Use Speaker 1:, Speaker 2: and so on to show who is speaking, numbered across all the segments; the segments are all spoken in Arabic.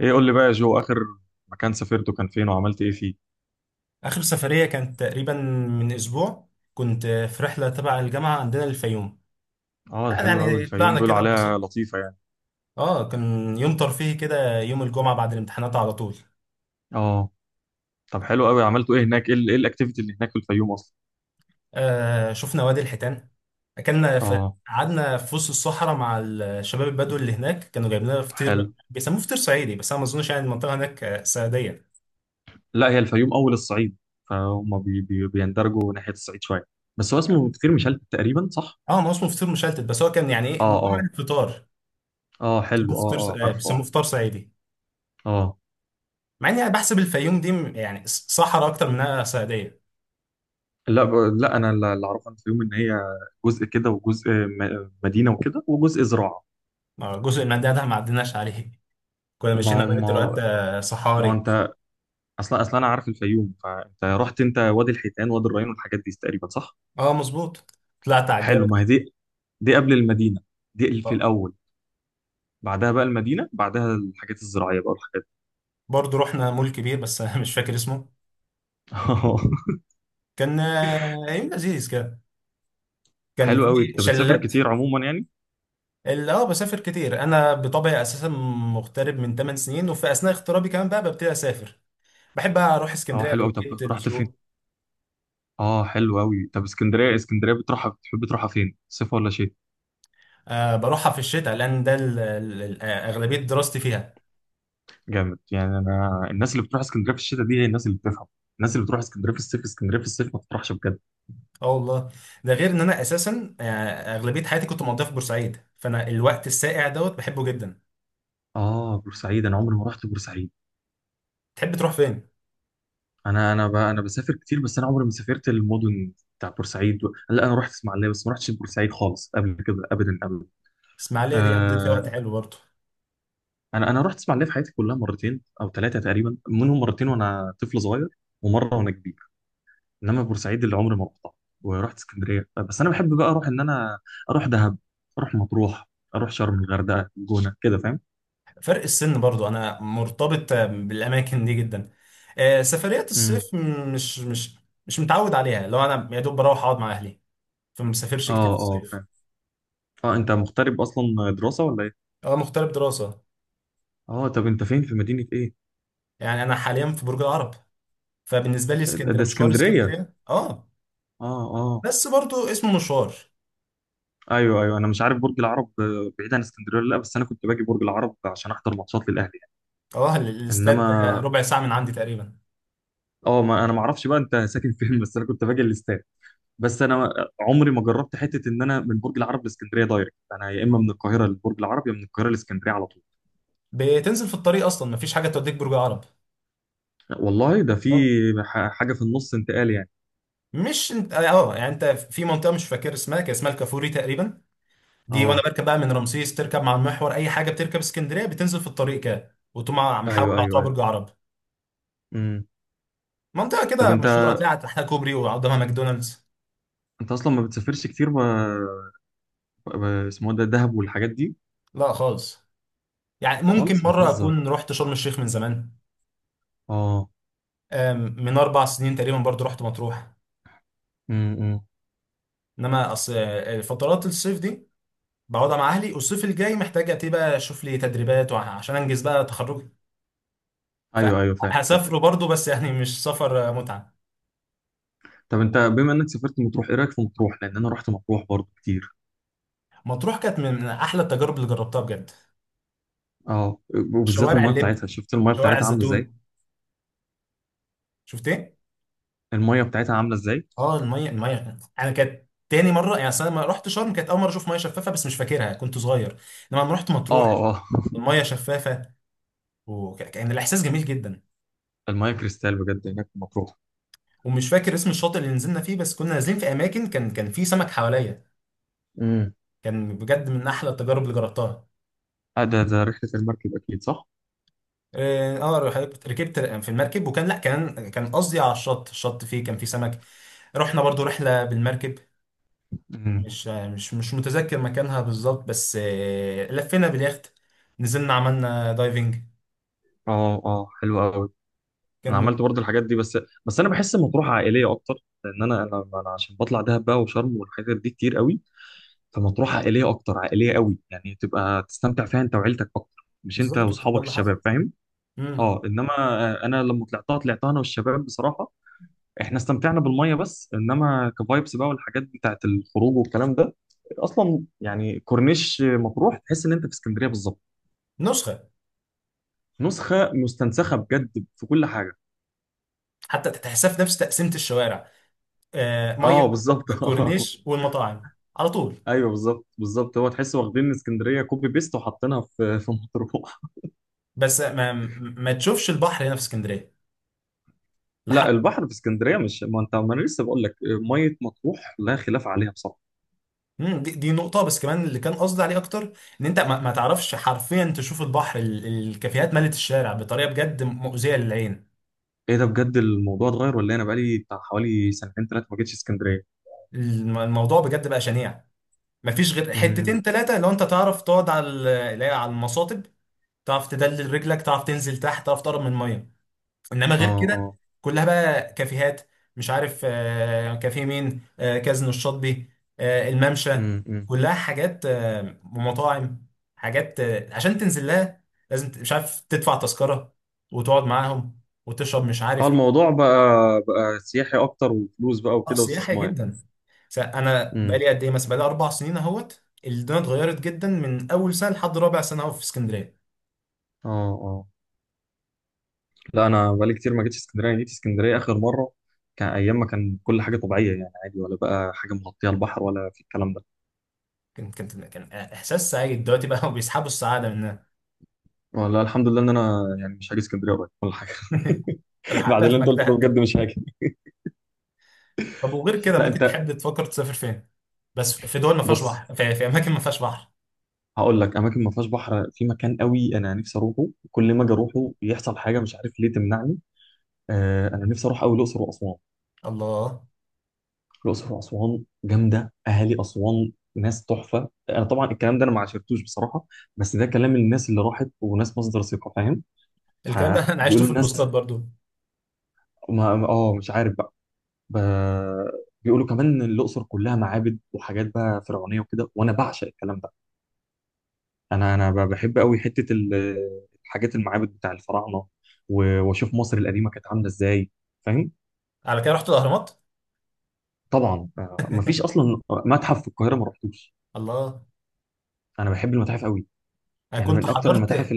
Speaker 1: ايه، قول لي بقى يا جو، اخر مكان سافرته كان فين وعملت ايه فيه؟
Speaker 2: آخر سفرية كانت تقريبا من أسبوع. كنت في رحلة تبع الجامعة عندنا الفيوم.
Speaker 1: اه، ده حلو قوي.
Speaker 2: يعني
Speaker 1: الفيوم
Speaker 2: طلعنا
Speaker 1: بيقولوا
Speaker 2: كده
Speaker 1: عليها
Speaker 2: ببساطة.
Speaker 1: لطيفه يعني.
Speaker 2: آه، كان يوم ترفيهي كده، يوم الجمعة بعد الامتحانات على طول.
Speaker 1: اه. طب حلو قوي، عملتوا ايه هناك؟ ايه ال- إيه الاكتيفيتي اللي هناك في الفيوم اصلا؟
Speaker 2: آه شفنا وادي الحيتان، أكلنا في،
Speaker 1: اه
Speaker 2: قعدنا في وسط الصحراء مع الشباب البدو اللي هناك، كانوا جايبين لنا فطير
Speaker 1: حلو.
Speaker 2: بيسموه فطير صعيدي، بس أنا ما أظنش يعني المنطقة هناك صعيدية.
Speaker 1: لا، هي الفيوم اول الصعيد، فهم بي بي بيندرجوا ناحيه الصعيد شويه. بس هو اسمه كتير مشلت تقريبا، صح؟
Speaker 2: اه، ما هو اسمه فطير مشلتت، بس هو كان يعني ايه نوع
Speaker 1: اه اه.
Speaker 2: الفطار.
Speaker 1: اه حلو،
Speaker 2: بيسموه
Speaker 1: اه اه
Speaker 2: فطير،
Speaker 1: عارف،
Speaker 2: بيسموه
Speaker 1: اه
Speaker 2: فطار صعيدي.
Speaker 1: اه.
Speaker 2: مع اني انا بحسب الفيوم دي يعني صحراء اكتر منها صعيديه.
Speaker 1: لا ب- لا، انا اللي اعرفه عن الفيوم ان هي جزء كده، وجزء مدينه وكده، وجزء زراعه.
Speaker 2: ما جزء من ده ده ما عديناش عليه، كنا ماشيين
Speaker 1: ما
Speaker 2: على بنت الواد
Speaker 1: ما
Speaker 2: ده
Speaker 1: ما
Speaker 2: صحاري.
Speaker 1: انت اصلا انا عارف الفيوم، فانت رحت انت وادي الحيتان، وادي الريان والحاجات دي تقريبا، صح؟
Speaker 2: اه مظبوط، طلعت على
Speaker 1: حلو. ما
Speaker 2: الجبل.
Speaker 1: هي دي، دي قبل المدينه، دي في
Speaker 2: اه،
Speaker 1: الاول. بعدها بقى المدينه، بعدها الحاجات الزراعيه بقى والحاجات دي.
Speaker 2: برضه رحنا مول كبير بس أنا مش فاكر اسمه. كان يوم لذيذ كده، كان
Speaker 1: حلو قوي،
Speaker 2: في
Speaker 1: انت بتسافر
Speaker 2: شلالات.
Speaker 1: كتير عموما يعني؟
Speaker 2: اللي اه بسافر كتير انا بطبعي اساسا، مغترب من 8 سنين، وفي اثناء اغترابي كمان بقى ببتدي اسافر. بحب اروح
Speaker 1: اه
Speaker 2: اسكندريه
Speaker 1: حلو قوي، طب
Speaker 2: اغلبيه
Speaker 1: رحت فين؟
Speaker 2: الشغل.
Speaker 1: اه حلو قوي، طب اسكندريه، اسكندريه بتروحها، بتحب تروحها فين، صيف ولا شتاء؟
Speaker 2: آه بروحها في الشتاء لان ده اغلبيه دراستي فيها.
Speaker 1: جامد. يعني انا الناس اللي بتروح اسكندريه في الشتاء دي هي الناس اللي بتفهم. الناس اللي بتروح اسكندريه في الصيف، اسكندريه في الصيف ما بتروحش بجد.
Speaker 2: اه والله، ده غير ان انا اساسا، اغلبيه حياتي كنت مقضيها في بورسعيد، فانا الوقت الساقع دوت بحبه جدا.
Speaker 1: اه. بورسعيد انا عمري ما رحت بورسعيد.
Speaker 2: تحب تروح فين؟
Speaker 1: انا بسافر كتير، بس انا عمري ما سافرت المدن لا، انا رحت اسماعيليه، بس ما رحتش بورسعيد خالص قبل كده، ابدا ابدا.
Speaker 2: اسماعيليه دي قضيت فيها وقت
Speaker 1: آه...
Speaker 2: حلو برضه.
Speaker 1: انا رحت اسماعيليه في حياتي كلها مرتين او ثلاثه تقريبا، منهم مرتين وانا طفل صغير، ومره وانا كبير. انما بورسعيد اللي عمري ما رحتها. ورحت اسكندريه، بس انا بحب بقى اروح، ان انا اروح دهب، اروح مطروح، اروح شرم، الغردقه، الجونه كده، فاهم؟
Speaker 2: فرق السن برضه انا مرتبط، بالاماكن دي جدا. سفريات الصيف
Speaker 1: امم
Speaker 2: مش مش متعود عليها، لو انا يا دوب بروح اقعد مع اهلي، فما بسافرش كتير
Speaker 1: اه
Speaker 2: في
Speaker 1: اه
Speaker 2: الصيف.
Speaker 1: فاهم. اه انت مغترب اصلا، دراسه ولا ايه؟
Speaker 2: اه مغترب دراسه.
Speaker 1: اه. طب انت فين، في مدينه ايه؟
Speaker 2: يعني انا حاليا في برج العرب، فبالنسبه لي اسكندريه
Speaker 1: ده
Speaker 2: مشوار،
Speaker 1: اسكندريه.
Speaker 2: اسكندريه اه،
Speaker 1: اه. آه.
Speaker 2: بس برضه اسمه مشوار.
Speaker 1: ايوه ايوه، انا مش عارف برج العرب بعيد عن اسكندريه ولا لا، بس انا كنت باجي برج العرب عشان احضر ماتشات للاهلي يعني.
Speaker 2: اه الاستاد ده
Speaker 1: انما
Speaker 2: ربع ساعه من عندي تقريبا.
Speaker 1: اه، ما انا ما اعرفش بقى انت ساكن فين، بس انا كنت باجي الاستاد. بس انا عمري ما جربت حته ان انا من برج العرب لاسكندريه دايركت، انا يا اما من القاهره لبرج العرب، يا من القاهره لاسكندريه على طول.
Speaker 2: بتنزل في الطريق اصلا، مفيش حاجه توديك برج عرب.
Speaker 1: والله ده في
Speaker 2: اه
Speaker 1: حاجه في النص، انتقال يعني.
Speaker 2: مش انت اه، يعني انت في منطقه مش فاكر اسمها، كان اسمها الكافوري تقريبا. دي وانا
Speaker 1: اه
Speaker 2: بركب بقى من رمسيس، تركب مع المحور اي حاجه بتركب اسكندريه بتنزل في الطريق كده، وتقوم محاول
Speaker 1: ايوه ايوه
Speaker 2: على
Speaker 1: ايوه.
Speaker 2: برج عرب.
Speaker 1: امم.
Speaker 2: منطقه
Speaker 1: طب
Speaker 2: كده
Speaker 1: انت
Speaker 2: مشهوره، هتلاقي تحتها كوبري وقدامها ماكدونالدز.
Speaker 1: انت اصلا ما بتسافرش كتير ب... اسمه ده دهب والحاجات دي؟
Speaker 2: لا خالص، يعني ممكن
Speaker 1: خالص
Speaker 2: مره
Speaker 1: بتهزر.
Speaker 2: اكون رحت شرم الشيخ من زمان.
Speaker 1: اه.
Speaker 2: آم، من اربع سنين تقريبا برضو رحت مطروح.
Speaker 1: امم امم.
Speaker 2: انما اصل، فترات الصيف دي بقعدها مع اهلي، والصيف الجاي محتاج ابتدي بقى اشوف لي تدريبات وعشان انجز بقى تخرج،
Speaker 1: ايوه ايوه فاهم.
Speaker 2: فهسافره برضو بس يعني مش سفر متعة.
Speaker 1: طب انت بما انك سافرت مطروح، ايه رايك في مطروح؟ لان انا رحت مطروح برضو كتير.
Speaker 2: مطروح كانت من احلى التجارب اللي جربتها بجد.
Speaker 1: اه، وبالذات
Speaker 2: شوارع
Speaker 1: المايه
Speaker 2: اللب،
Speaker 1: بتاعتها، شفت المايه
Speaker 2: شوارع
Speaker 1: بتاعتها عامله ازاي؟
Speaker 2: الزيتون. شفت ايه؟
Speaker 1: المايه بتاعتها عامله ازاي؟
Speaker 2: اه، المية المية انا كانت تاني مرة، يعني أصل انا لما رحت شرم كانت اول مرة اشوف مية شفافة، بس مش فاكرها كنت صغير. انما لما رحت مطروح
Speaker 1: اه اه.
Speaker 2: المية شفافة، وكان الاحساس جميل جدا.
Speaker 1: المايه كريستال بجد هناك في مطروح.
Speaker 2: ومش فاكر اسم الشاطئ اللي نزلنا فيه، بس كنا نازلين في اماكن كان في سمك حواليا.
Speaker 1: امم.
Speaker 2: كان بجد من احلى التجارب اللي جربتها.
Speaker 1: آه، ده رحله المركب اكيد، صح؟
Speaker 2: اه، ركبت في المركب، وكان لا كان قصدي على الشط، الشط فيه كان فيه سمك. رحنا برضو رحلة بالمركب.
Speaker 1: امم.
Speaker 2: مش متذكر مكانها بالظبط، بس لفينا باليخت، نزلنا عملنا دايفنج.
Speaker 1: اه اه حلو قوي. انا عملت
Speaker 2: كان
Speaker 1: برضو الحاجات دي بس، بس انا بحس مطروح عائليه اكتر، لان انا انا عشان بطلع دهب بقى وشرم والحاجات دي كتير قوي. فمطروح عائليه اكتر، عائليه قوي، يعني تبقى تستمتع فيها انت وعيلتك اكتر، مش انت
Speaker 2: بالظبط وقت ده
Speaker 1: واصحابك
Speaker 2: اللي حصل.
Speaker 1: الشباب، فاهم؟
Speaker 2: مم.
Speaker 1: اه انما انا لما طلعتها، طلعتها انا والشباب بصراحه، احنا استمتعنا بالميه، بس انما كفايبس بقى والحاجات بتاعت الخروج والكلام ده اصلا، يعني كورنيش مطروح تحس ان انت في اسكندريه بالظبط.
Speaker 2: نسخة،
Speaker 1: نسخه مستنسخه بجد في كل حاجه.
Speaker 2: حتى تحسها في نفس تقسيمة الشوارع، مية
Speaker 1: اه بالظبط.
Speaker 2: الكورنيش والمطاعم على طول.
Speaker 1: ايوه بالظبط بالظبط، هو تحس واخدين اسكندريه كوبي بيست وحاطينها في مطروح.
Speaker 2: بس ما تشوفش البحر هنا في اسكندرية لحد.
Speaker 1: لا، البحر في اسكندريه مش، ما انت ما انا لسه بقول لك، ميه مطروح لا خلاف عليها بصراحه.
Speaker 2: امم، دي نقطة بس كمان اللي كان قصدي عليه أكتر. إن أنت ما تعرفش حرفيا تشوف البحر، الكافيهات ملت الشارع بطريقة بجد مؤذية للعين.
Speaker 1: ايه ده بجد، الموضوع اتغير ولا إيه؟ انا بقالي بتاع حوالي سنتين ثلاثه ما جيتش اسكندريه.
Speaker 2: الموضوع بجد بقى شنيع. مفيش غير
Speaker 1: امم
Speaker 2: حتتين تلاتة لو أنت تعرف تقعد على اللي هي على المصاطب، تعرف تدلل رجلك، تعرف تنزل تحت، تعرف تقرب من المية. انما غير
Speaker 1: اه
Speaker 2: كده
Speaker 1: اه.
Speaker 2: كلها بقى كافيهات. مش عارف، كافيه مين، كازينو الشاطبي، الممشى،
Speaker 1: أمم.
Speaker 2: كلها حاجات ومطاعم. حاجات عشان تنزل لها لازم مش عارف تدفع تذكرة وتقعد معاهم وتشرب مش
Speaker 1: اه،
Speaker 2: عارف ايه.
Speaker 1: الموضوع بقى سياحي اكتر وفلوس بقى
Speaker 2: اه
Speaker 1: وكده
Speaker 2: سياحي
Speaker 1: واستثمار.
Speaker 2: جدا. انا
Speaker 1: امم
Speaker 2: بقالي قد ايه مثلا، بقالي 4 سنين اهوت، الدنيا اتغيرت جدا من اول سنه لحد رابع سنه اهو في اسكندريه.
Speaker 1: اه اه. لا، انا بقالي كتير ما جيتش اسكندريه. جيت اسكندريه اخر مره كان ايام ما كان كل حاجه طبيعيه، يعني عادي، ولا بقى حاجه مغطيه البحر ولا في الكلام ده.
Speaker 2: كان احساس سعيد، دلوقتي بقى هو بيسحبوا السعاده منها.
Speaker 1: ولا الحمد لله ان انا يعني مش هاجي اسكندريه قريب ولا حاجه. بعد
Speaker 2: لحقتها
Speaker 1: اللي
Speaker 2: في
Speaker 1: انت قلته ده
Speaker 2: مجدها.
Speaker 1: بجد مش هاجي.
Speaker 2: طب وغير كده
Speaker 1: لا
Speaker 2: ممكن
Speaker 1: انت،
Speaker 2: تحب تفكر تسافر فين؟ بس في دول ما فيهاش
Speaker 1: بص
Speaker 2: بحر، في اماكن ما فيهاش بحر.
Speaker 1: هقول لك اماكن ما فيهاش بحر، في مكان قوي انا نفسي اروحه، كل ما اجي اروحه يحصل حاجه مش عارف ليه تمنعني. آه، انا نفسي اروح قوي الاقصر واسوان.
Speaker 2: الله.
Speaker 1: الاقصر واسوان جامده، اهالي اسوان ناس تحفه. انا طبعا الكلام ده انا ما عشرتوش بصراحه، بس ده كلام الناس اللي راحت وناس مصدر ثقه، فاهم؟
Speaker 2: الكلام ده انا عشته
Speaker 1: فبيقولوا
Speaker 2: في
Speaker 1: الناس،
Speaker 2: البوستات برضو.
Speaker 1: اه مش عارف بقى. ب... بيقولوا كمان ان الاقصر كلها معابد وحاجات بقى فرعونيه وكده، وانا بعشق الكلام ده. بحب قوي حته الحاجات، المعابد بتاع الفراعنه، واشوف مصر القديمه كانت عامله ازاي، فاهم؟
Speaker 2: على كده رحت الاهرامات.
Speaker 1: طبعا، مفيش اصلا متحف في القاهره ما رحتوش.
Speaker 2: الله،
Speaker 1: انا بحب المتاحف قوي.
Speaker 2: انا
Speaker 1: يعني
Speaker 2: كنت
Speaker 1: من اكتر
Speaker 2: حضرت.
Speaker 1: المتاحف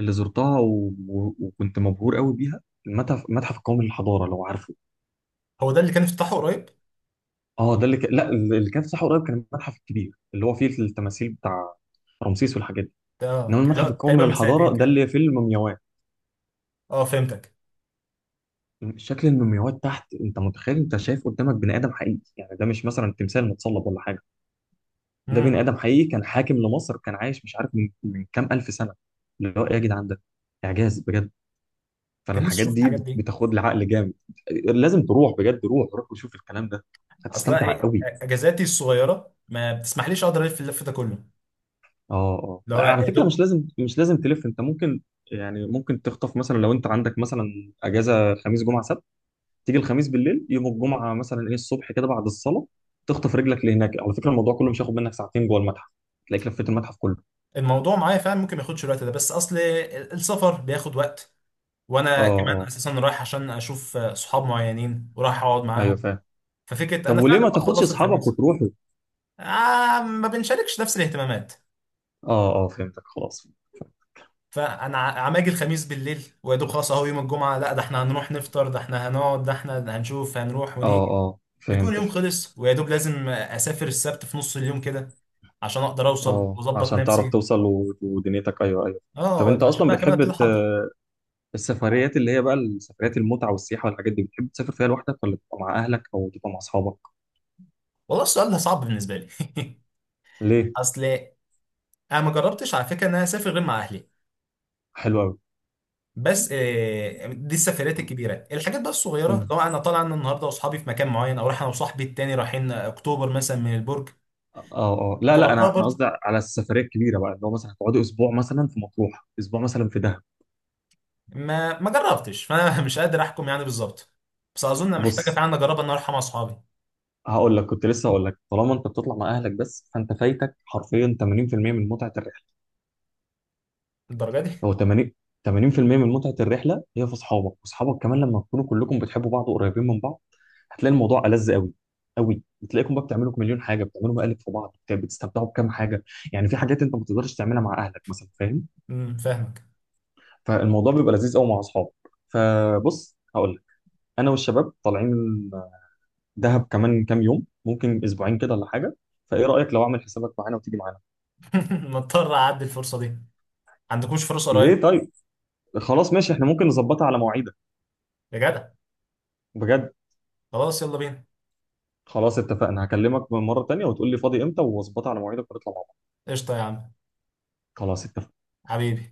Speaker 1: اللي زرتها وكنت مبهور قوي بيها، المتحف القومي للحضاره، لو عارفه.
Speaker 2: هو ده اللي كان افتتاحه قريب؟
Speaker 1: اه، ده اللي لا، اللي كان في ساحه قريب كان المتحف الكبير، اللي هو فيه التماثيل بتاع رمسيس والحاجات دي.
Speaker 2: ده
Speaker 1: انما
Speaker 2: كان- لا
Speaker 1: المتحف القومي
Speaker 2: تقريبا من 2 سنين
Speaker 1: للحضاره ده
Speaker 2: كده.
Speaker 1: اللي فيه المومياوات.
Speaker 2: اه فهمتك.
Speaker 1: شكل المومياوات تحت، انت متخيل انت شايف قدامك بني ادم حقيقي، يعني ده مش مثلا تمثال متصلب ولا حاجه، ده
Speaker 2: امم.
Speaker 1: بني ادم حقيقي كان حاكم لمصر، كان عايش مش عارف من كام الف سنه. اللي هو ايه يا جدعان ده، اعجاز بجد. فانا
Speaker 2: كان نفسي
Speaker 1: الحاجات
Speaker 2: اشوف
Speaker 1: دي
Speaker 2: الحاجات دي.
Speaker 1: بتاخد لي عقل جامد. لازم تروح بجد، روح روح وشوف الكلام ده،
Speaker 2: اصلا
Speaker 1: هتستمتع
Speaker 2: ايه،
Speaker 1: قوي.
Speaker 2: اجازاتي الصغيره ما بتسمحليش اقدر الف، اللف ده كله
Speaker 1: اه اه.
Speaker 2: لو
Speaker 1: على
Speaker 2: يا
Speaker 1: فكره مش
Speaker 2: دوب.
Speaker 1: لازم، مش لازم تلف انت، ممكن يعني ممكن تخطف، مثلا لو انت عندك مثلا اجازه خميس جمعه سبت، تيجي الخميس بالليل، يوم الجمعه مثلا ايه الصبح كده بعد الصلاه تخطف رجلك لهناك. على فكره الموضوع كله مش هياخد منك ساعتين جوه المتحف، تلاقيك لفيت المتحف كله.
Speaker 2: الموضوع معايا فعلا ممكن ما ياخدش الوقت ده، بس اصل السفر بياخد وقت.
Speaker 1: اه
Speaker 2: وانا كمان
Speaker 1: اه.
Speaker 2: اساسا رايح عشان اشوف، صحاب معينين، ورايح اقعد
Speaker 1: ايوه
Speaker 2: معاهم.
Speaker 1: فاهم.
Speaker 2: ففكره
Speaker 1: طب
Speaker 2: انا
Speaker 1: وليه
Speaker 2: فعلا
Speaker 1: ما تاخدش
Speaker 2: بخلص
Speaker 1: اصحابك
Speaker 2: الخميس.
Speaker 1: وتروحوا؟
Speaker 2: آه ما بنشاركش نفس الاهتمامات.
Speaker 1: اه اه فهمتك، خلاص.
Speaker 2: فانا عماجي الخميس بالليل ويا دوب خلاص اهو يوم الجمعه، لا ده احنا هنروح نفطر، ده احنا هنقعد، ده احنا هنشوف، هنروح
Speaker 1: اه
Speaker 2: ونيجي،
Speaker 1: اه
Speaker 2: بيكون
Speaker 1: فهمت.
Speaker 2: يوم خلص. ويا دوب لازم اسافر السبت في نص اليوم كده عشان اقدر اوصل
Speaker 1: اه،
Speaker 2: واظبط
Speaker 1: عشان تعرف
Speaker 2: نفسي.
Speaker 1: توصل ودنيتك، ايوه ايوه. طب انت
Speaker 2: اه عشان
Speaker 1: اصلا
Speaker 2: بقى كمان
Speaker 1: بتحب
Speaker 2: ابتدي احضر.
Speaker 1: السفريات، اللي هي بقى السفريات المتعه والسياحه والحاجات دي، بتحب تسافر فيها لوحدك ولا تبقى مع اهلك او تبقى مع اصحابك؟
Speaker 2: والله السؤال ده صعب بالنسبه لي.
Speaker 1: ليه؟
Speaker 2: اصل انا ما جربتش على فكره ان انا اسافر غير مع اهلي.
Speaker 1: حلو قوي.
Speaker 2: بس دي السفريات الكبيره، الحاجات بقى الصغيره
Speaker 1: امم
Speaker 2: لو انا طالع انا النهارده واصحابي في مكان معين، او رايح انا وصاحبي التاني رايحين اكتوبر مثلا من البرج.
Speaker 1: اه اه. لا لا،
Speaker 2: جربتها
Speaker 1: انا
Speaker 2: برضه.
Speaker 1: قصدي على السفريه الكبيره بقى، اللي هو مثلا هتقعدوا اسبوع مثلا في مطروح، اسبوع مثلا في دهب.
Speaker 2: ما جربتش فانا مش قادر احكم يعني بالظبط، بس اظن محتاجه
Speaker 1: بص،
Speaker 2: فعلا اجرب ان أنا اروح مع اصحابي.
Speaker 1: هقول لك، كنت لسه هقول لك، طالما انت بتطلع مع اهلك بس فانت فايتك حرفيا 80% من متعه الرحله.
Speaker 2: الدرجه دي؟
Speaker 1: هو 80، 80% من متعة الرحلة هي في أصحابك، وأصحابك كمان لما تكونوا كلكم بتحبوا بعض وقريبين من بعض، هتلاقي الموضوع ألذ قوي، قوي، بتلاقيكم بقى بتعملوا مليون حاجة، بتعملوا مقالب في بعض، بتستمتعوا بكام حاجة، يعني في حاجات أنت ما بتقدرش تعملها مع أهلك مثلا، فاهم؟
Speaker 2: فاهمك.
Speaker 1: فالموضوع بيبقى لذيذ قوي مع أصحابك. فبص هقول لك، أنا والشباب طالعين دهب كمان كام يوم، ممكن أسبوعين كده ولا حاجة، فإيه رأيك لو أعمل حسابك معانا وتيجي معانا؟
Speaker 2: مضطر اعدي الفرصه دي. عندكوش فرصه
Speaker 1: ليه
Speaker 2: قريبه؟
Speaker 1: طيب؟ خلاص ماشي، إحنا ممكن نظبطها على مواعيدك.
Speaker 2: يا جدع.
Speaker 1: بجد.
Speaker 2: خلاص يلا بينا.
Speaker 1: خلاص اتفقنا، هكلمك مرة تانية وتقول لي فاضي امتى واظبطها على مواعيدك ونطلع مع بعض.
Speaker 2: قشطه يا عم.
Speaker 1: خلاص اتفقنا.
Speaker 2: حبيبي.